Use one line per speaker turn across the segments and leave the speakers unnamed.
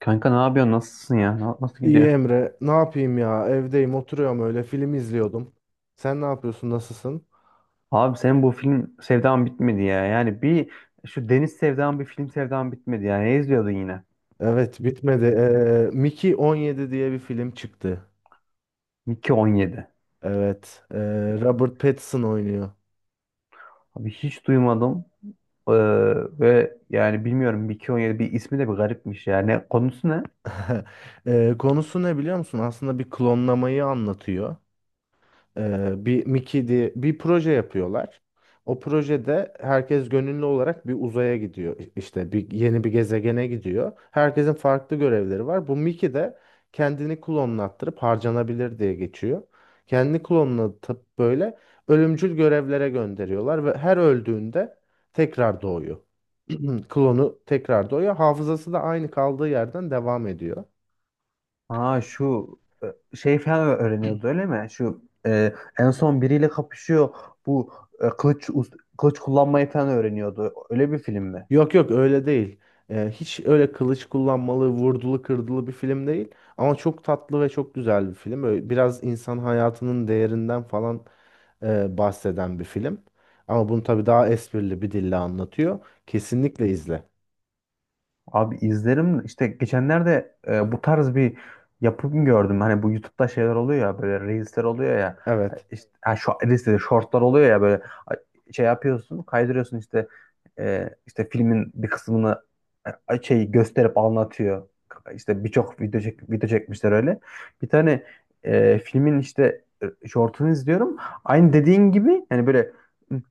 Kanka ne yapıyorsun? Nasılsın ya? Nasıl
İyi
gidiyor?
Emre, ne yapayım ya? Evdeyim, oturuyorum öyle film izliyordum. Sen ne yapıyorsun? Nasılsın?
Abi senin bu film sevdan bitmedi ya. Yani şu deniz sevdan bir film sevdan bitmedi ya. Ne izliyordun yine?
Evet, bitmedi. Mickey 17 diye bir film çıktı.
Mickey 17.
Evet, ee, Robert Pattinson oynuyor.
Abi hiç duymadım. Ee, ve yani bilmiyorum, Mickey 17 bir ismi de bir garipmiş yani. Konusu ne?
Konusu ne biliyor musun? Aslında bir klonlamayı anlatıyor. Bir Mickey diye bir proje yapıyorlar. O projede herkes gönüllü olarak bir uzaya gidiyor. İşte bir yeni bir gezegene gidiyor. Herkesin farklı görevleri var. Bu Mickey de kendini klonlattırıp harcanabilir diye geçiyor. Kendini klonlatıp böyle ölümcül görevlere gönderiyorlar ve her öldüğünde tekrar doğuyor. Klonu tekrar doğuyor. Hafızası da aynı kaldığı yerden devam ediyor.
Aa, şu şey falan öğreniyordu, öyle mi? Şu en son biriyle kapışıyor. Bu kılıç kullanmayı falan öğreniyordu. Öyle bir film mi?
Yok yok öyle değil. Hiç öyle kılıç kullanmalı, vurdulu kırdılı bir film değil. Ama çok tatlı ve çok güzel bir film. Öyle biraz insan hayatının değerinden falan bahseden bir film. Ama bunu tabii daha esprili bir dille anlatıyor. Kesinlikle izle.
Abi izlerim işte. Geçenlerde bu tarz bir yapım gördüm. Hani bu YouTube'da şeyler oluyor ya, böyle reelsler oluyor ya.
Evet.
İşte, ha, şu, reels dedi, shortlar oluyor ya, böyle şey yapıyorsun, kaydırıyorsun işte işte filmin bir kısmını şey gösterip anlatıyor. İşte birçok video, video çekmişler öyle. Bir tane filmin işte shortunu izliyorum. Aynı dediğin gibi yani, böyle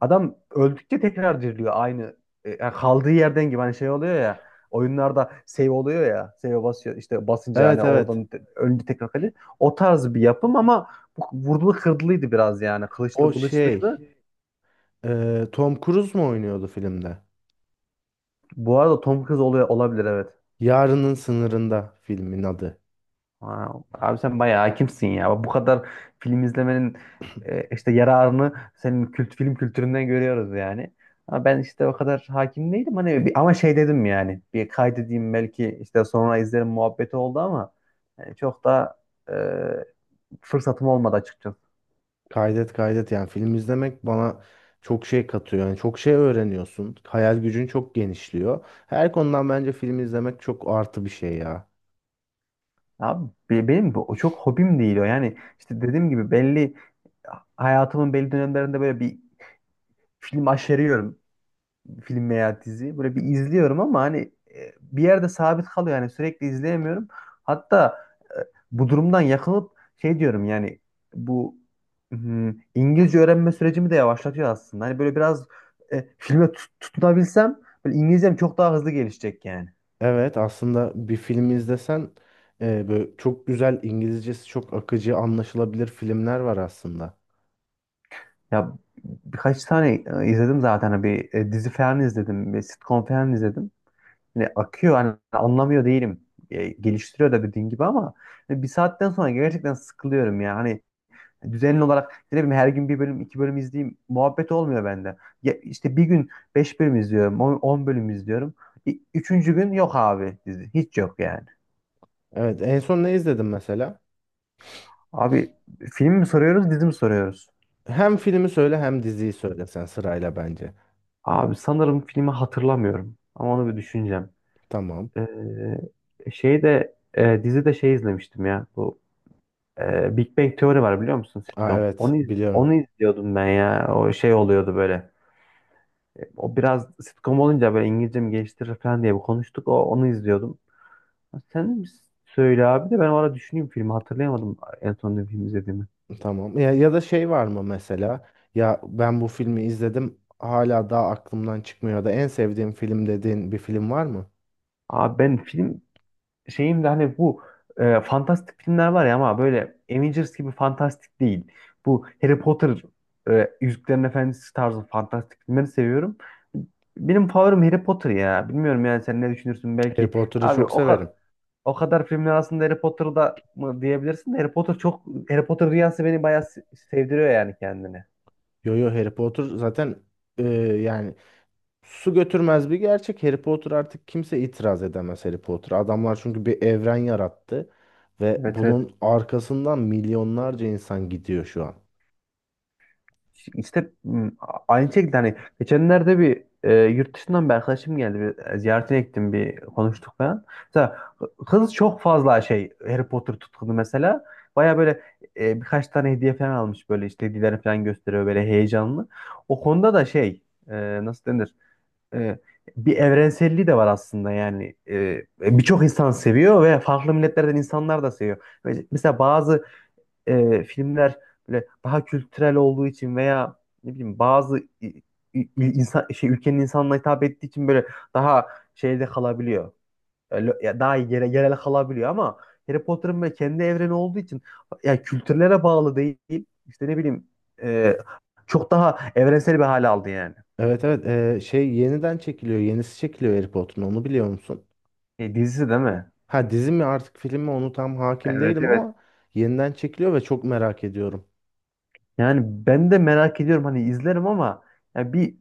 adam öldükçe tekrar diriliyor, aynı yani kaldığı yerden gibi, hani şey oluyor ya, oyunlarda save oluyor ya. Save basıyor işte, basınca
Evet,
yani
evet.
oradan önce tekrar kale. O tarz bir yapım ama bu vurdulu kırdılıydı biraz yani.
O
Kılıçlı bılıçlıydı.
şey, Tom Cruise mu oynuyordu filmde?
Bu arada Tom Cruise oluyor olabilir, evet.
Yarının Sınırında filmin adı.
Ha, abi sen bayağı hakimsin ya. Bu kadar film izlemenin işte yararını senin kült film kültüründen görüyoruz yani. Ama ben işte o kadar hakim değilim. Hani ama şey dedim yani. Bir kaydedeyim, belki işte sonra izlerim muhabbeti oldu ama yani çok da e, fırsatım olmadı açıkçası.
Kaydet, kaydet yani film izlemek bana çok şey katıyor. Yani çok şey öğreniyorsun. Hayal gücün çok genişliyor. Her konudan bence film izlemek çok artı bir şey ya.
Abi benim bu o çok hobim değil o. Yani işte dediğim gibi, belli hayatımın belli dönemlerinde böyle bir film aşeriyorum. Film veya dizi. Böyle bir izliyorum ama hani bir yerde sabit kalıyor. Yani sürekli izleyemiyorum. Hatta e, bu durumdan yakınıp şey diyorum yani, bu hmm, İngilizce öğrenme sürecimi de yavaşlatıyor aslında. Hani böyle biraz filme tutunabilsem, böyle İngilizcem çok daha hızlı gelişecek yani.
Evet, aslında bir film izlesen böyle çok güzel İngilizcesi çok akıcı anlaşılabilir filmler var aslında.
Ya birkaç tane izledim zaten. Hani bir dizi falan izledim. Bir sitcom falan izledim. Hani akıyor, hani anlamıyor değilim. Geliştiriyor da dediğin gibi ama hani bir saatten sonra gerçekten sıkılıyorum ya. Hani düzenli olarak, ne bileyim, her gün bir bölüm iki bölüm izleyeyim muhabbet olmuyor bende. Ya işte bir gün beş bölüm izliyorum. On bölüm izliyorum. Üçüncü gün yok abi dizi. Hiç yok yani.
Evet, en son ne izledin mesela?
Abi film mi soruyoruz, dizi mi soruyoruz?
Hem filmi söyle hem diziyi söyle sen sırayla bence.
Abi sanırım filmi hatırlamıyorum. Ama onu bir düşüneceğim.
Tamam.
Şey de dizi de şey izlemiştim ya. Bu Big Bang Theory var, biliyor musun,
Aa,
sitcom?
evet
Onu iz-
biliyorum.
onu izliyordum ben ya. O şey oluyordu böyle. O biraz sitcom olunca böyle İngilizcemi geliştirir falan diye bir konuştuk. O onu izliyordum. Sen söyle abi, de ben o ara düşüneyim, filmi hatırlayamadım en son ne film izlediğimi.
Tamam. Ya, ya da şey var mı mesela? Ya, ben bu filmi izledim hala daha aklımdan çıkmıyor ya da en sevdiğim film dediğin bir film var mı?
Abi ben film şeyim de, hani bu fantastik filmler var ya, ama böyle Avengers gibi fantastik değil. Bu Harry Potter Yüzüklerin Efendisi tarzı fantastik filmleri seviyorum. Benim favorim Harry Potter ya. Bilmiyorum yani, sen ne düşünürsün
Harry
belki.
Potter'ı
Abi
çok
o kadar
severim.
o kadar filmler aslında Harry Potter'da mı diyebilirsin de, Harry Potter çok, Harry Potter dünyası beni bayağı sevdiriyor yani kendini.
Yo yo Harry Potter zaten e, yani su götürmez bir gerçek. Harry Potter artık kimse itiraz edemez Harry Potter. Adamlar çünkü bir evren yarattı ve
Evet, evet.
bunun arkasından milyonlarca insan gidiyor şu an.
İşte aynı şekilde, hani geçenlerde bir yurt dışından bir arkadaşım geldi. Bir ziyaretine gittim, bir konuştuk falan. Mesela kız çok fazla şey, Harry Potter tutkunu mesela. Baya böyle birkaç tane hediye falan almış, böyle işte hediyeleri falan gösteriyor böyle heyecanlı. O konuda da şey, nasıl denir? E, bir evrenselliği de var aslında yani. Birçok insan seviyor ve farklı milletlerden insanlar da seviyor. Mesela bazı filmler böyle daha kültürel olduğu için veya, ne bileyim, bazı insan şey, ülkenin insanına hitap ettiği için böyle daha şeyde kalabiliyor. Ya daha yerel kalabiliyor ama Harry Potter'ın böyle kendi evreni olduğu için ya, kültürlere bağlı değil. İşte ne bileyim, e, çok daha evrensel bir hale aldı yani.
Evet, evet, şey yeniden çekiliyor. Yenisi çekiliyor Harry Potter'ın, onu biliyor musun?
Dizisi değil mi?
Ha, dizi mi artık film mi onu tam hakim
Evet,
değilim
evet.
ama yeniden çekiliyor ve çok merak ediyorum.
Yani ben de merak ediyorum, hani izlerim ama ya bir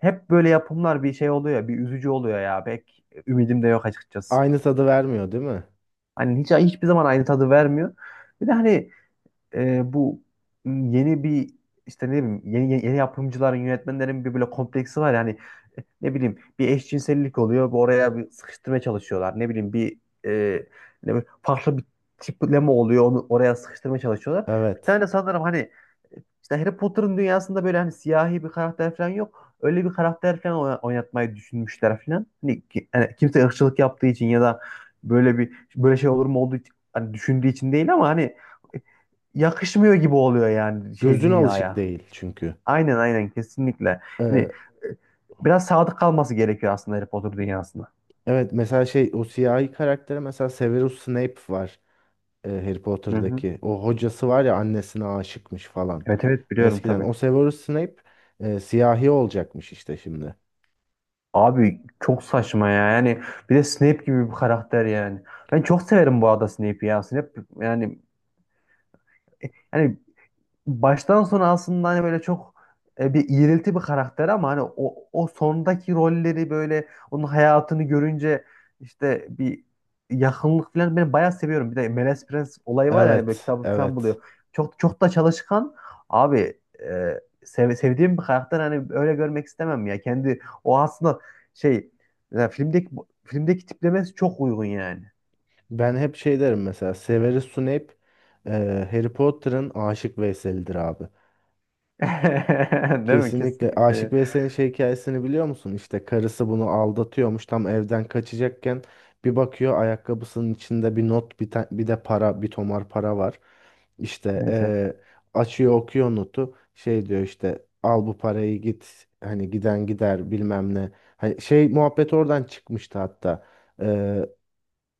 Hep böyle yapımlar bir şey oluyor ya, bir üzücü oluyor ya. Pek ümidim de yok açıkçası.
Aynı tadı vermiyor değil mi?
Hani hiç hiçbir zaman aynı tadı vermiyor. Bir de hani bu yeni bir işte, ne bileyim, yeni, yeni, yeni yapımcıların yönetmenlerin bir böyle kompleksi var yani. Ne bileyim bir eşcinsellik oluyor, bir oraya bir sıkıştırmaya çalışıyorlar. Ne bileyim bir e, ne bileyim, farklı bir tipleme oluyor, onu oraya sıkıştırmaya çalışıyorlar. Bir tane
Evet.
de sanırım, hani işte Harry Potter'ın dünyasında böyle, hani siyahi bir karakter falan yok. Öyle bir karakter falan oynatmayı düşünmüşler falan. Hani, hani kimse ırkçılık yaptığı için ya da böyle bir böyle şey olur mu olduğu için, hani düşündüğü için değil ama, hani yakışmıyor gibi oluyor yani şey
Gözün alışık
dünyaya.
değil çünkü.
Aynen, aynen, kesinlikle. Hani
Ee,
biraz sadık kalması gerekiyor aslında Harry Potter dünyasına.
evet mesela şey o siyahi karaktere mesela Severus Snape var, Harry
Hı hı.
Potter'daki. O hocası var ya, annesine aşıkmış falan.
Evet, evet, biliyorum
Eskiden
tabii.
o Severus Snape siyahi olacakmış işte şimdi.
Abi çok saçma ya. Yani bir de Snape gibi bir karakter yani. Ben çok severim bu arada Snape'i ya. Snape yani yani baştan sona aslında, hani böyle çok bir iğrilti bir karakter, ama hani o sondaki rolleri, böyle onun hayatını görünce işte bir yakınlık falan, ben bayağı seviyorum. Bir de Melez Prens olayı var yani, böyle
Evet,
kitabı falan
evet.
buluyor. Çok çok da çalışkan abi, sevdiğim bir karakter, hani öyle görmek istemem ya. Kendi o aslında şey, mesela filmdeki tiplemesi çok uygun yani.
Ben hep şey derim mesela Severus Snape, e, Harry Potter'ın Aşık Veysel'idir abi.
Değil mi?
Kesinlikle
Kesinlikle.
Aşık Veysel'in şey hikayesini biliyor musun? İşte karısı bunu aldatıyormuş, tam evden kaçacakken bir bakıyor ayakkabısının içinde bir not, bir de para, bir tomar para var. İşte
Neyse.
eee, açıyor okuyor notu, şey diyor işte al bu parayı git hani giden gider bilmem ne. Hani şey muhabbet oradan çıkmıştı hatta.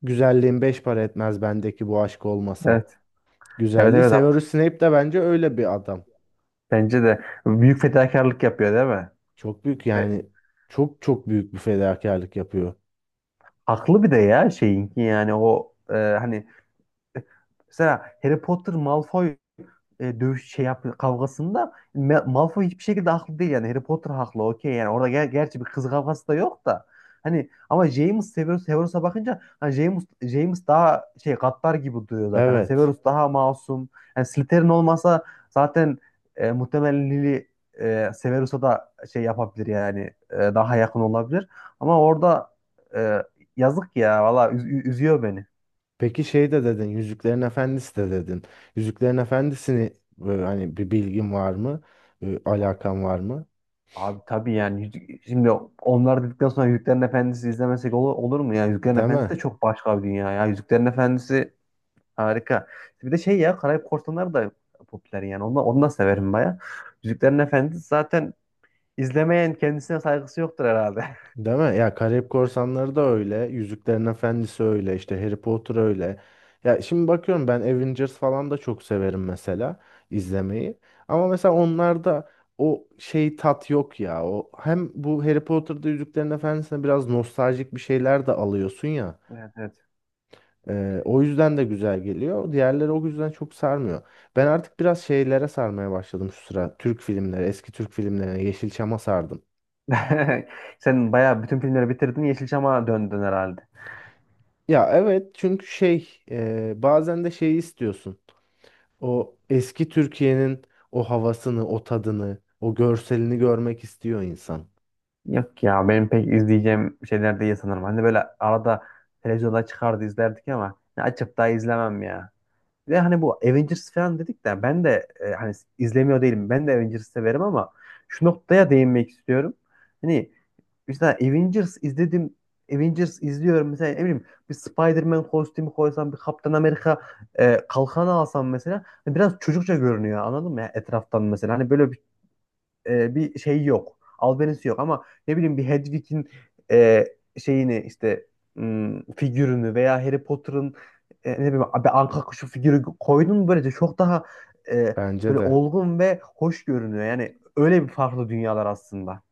Güzelliğin beş para etmez bendeki bu aşk olmasa.
Evet. Evet,
Güzelliği.
evet,
Severus Snape de bence öyle bir adam.
bence de büyük fedakarlık yapıyor değil mi?
Çok büyük
Ve
yani, çok çok büyük bir fedakarlık yapıyor.
haklı. Bir de ya şeyinki yani, o hani, mesela Harry Potter Malfoy dövüş şey yap kavgasında, Malfoy hiçbir şekilde haklı değil yani, Harry Potter haklı, okey yani. Orada gerçi bir kız kavgası da yok da, hani ama James, Severus'a bakınca hani, James daha şey, gaddar gibi duruyor zaten, hani
Evet.
Severus daha masum yani. Slytherin olmasa zaten muhtemelen Lily Severus'a da şey yapabilir yani, daha yakın olabilir ama orada e, yazık ya, valla üzüyor beni.
Peki şey de dedin, Yüzüklerin Efendisi de dedin. Yüzüklerin Efendisi'ni hani bir bilgin var mı? E, alakan var mı?
Abi tabii yani. Şimdi onlar dedikten sonra Yüzüklerin Efendisi izlemesek olur mu ya? Yüzüklerin Efendisi de
Deme.
çok başka bir dünya ya. Yüzüklerin Efendisi harika. Bir de şey ya, Karayip Korsanları da popüler yani. Onu da severim baya. Yüzüklerin Efendisi zaten izlemeyen kendisine saygısı yoktur herhalde.
Değil mi? Ya Karayip Korsanları da öyle. Yüzüklerin Efendisi öyle, işte Harry Potter öyle. Ya şimdi bakıyorum ben Avengers falan da çok severim mesela izlemeyi. Ama mesela onlarda o şey tat yok ya. O hem bu Harry Potter'da Yüzüklerin Efendisi'ne biraz nostaljik bir şeyler de alıyorsun ya.
Evet, evet.
O yüzden de güzel geliyor. Diğerleri o yüzden çok sarmıyor. Ben artık biraz şeylere sarmaya başladım şu sıra. Türk filmleri, eski Türk filmlerine, Yeşilçam'a sardım.
Sen baya bütün filmleri bitirdin, Yeşilçam'a döndün herhalde.
Ya evet, çünkü şey, bazen de şeyi istiyorsun. O eski Türkiye'nin o havasını, o tadını, o görselini görmek istiyor insan.
Yok ya, benim pek izleyeceğim şeyler değil sanırım. Hani böyle arada televizyonda çıkardı, izlerdik ama ne açıp daha izlemem ya. Ve hani bu Avengers falan dedik de, ben de hani izlemiyor değilim. Ben de Avengers severim ama şu noktaya değinmek istiyorum. Hani mesela Avengers izledim. Avengers izliyorum mesela, ne bileyim, bir Spider-Man kostümü koysam, bir Kaptan Amerika kalkanı alsam mesela, hani biraz çocukça görünüyor, anladın mı? Ya etraftan mesela, hani böyle bir bir şey yok. Albenisi yok. Ama ne bileyim, bir Hedwig'in e, şeyini işte, figürünü, veya Harry Potter'ın ne bileyim abi, anka kuşu figürü koydun mu, böylece çok daha e,
Bence
böyle
de.
olgun ve hoş görünüyor. Yani öyle bir farklı dünyalar aslında.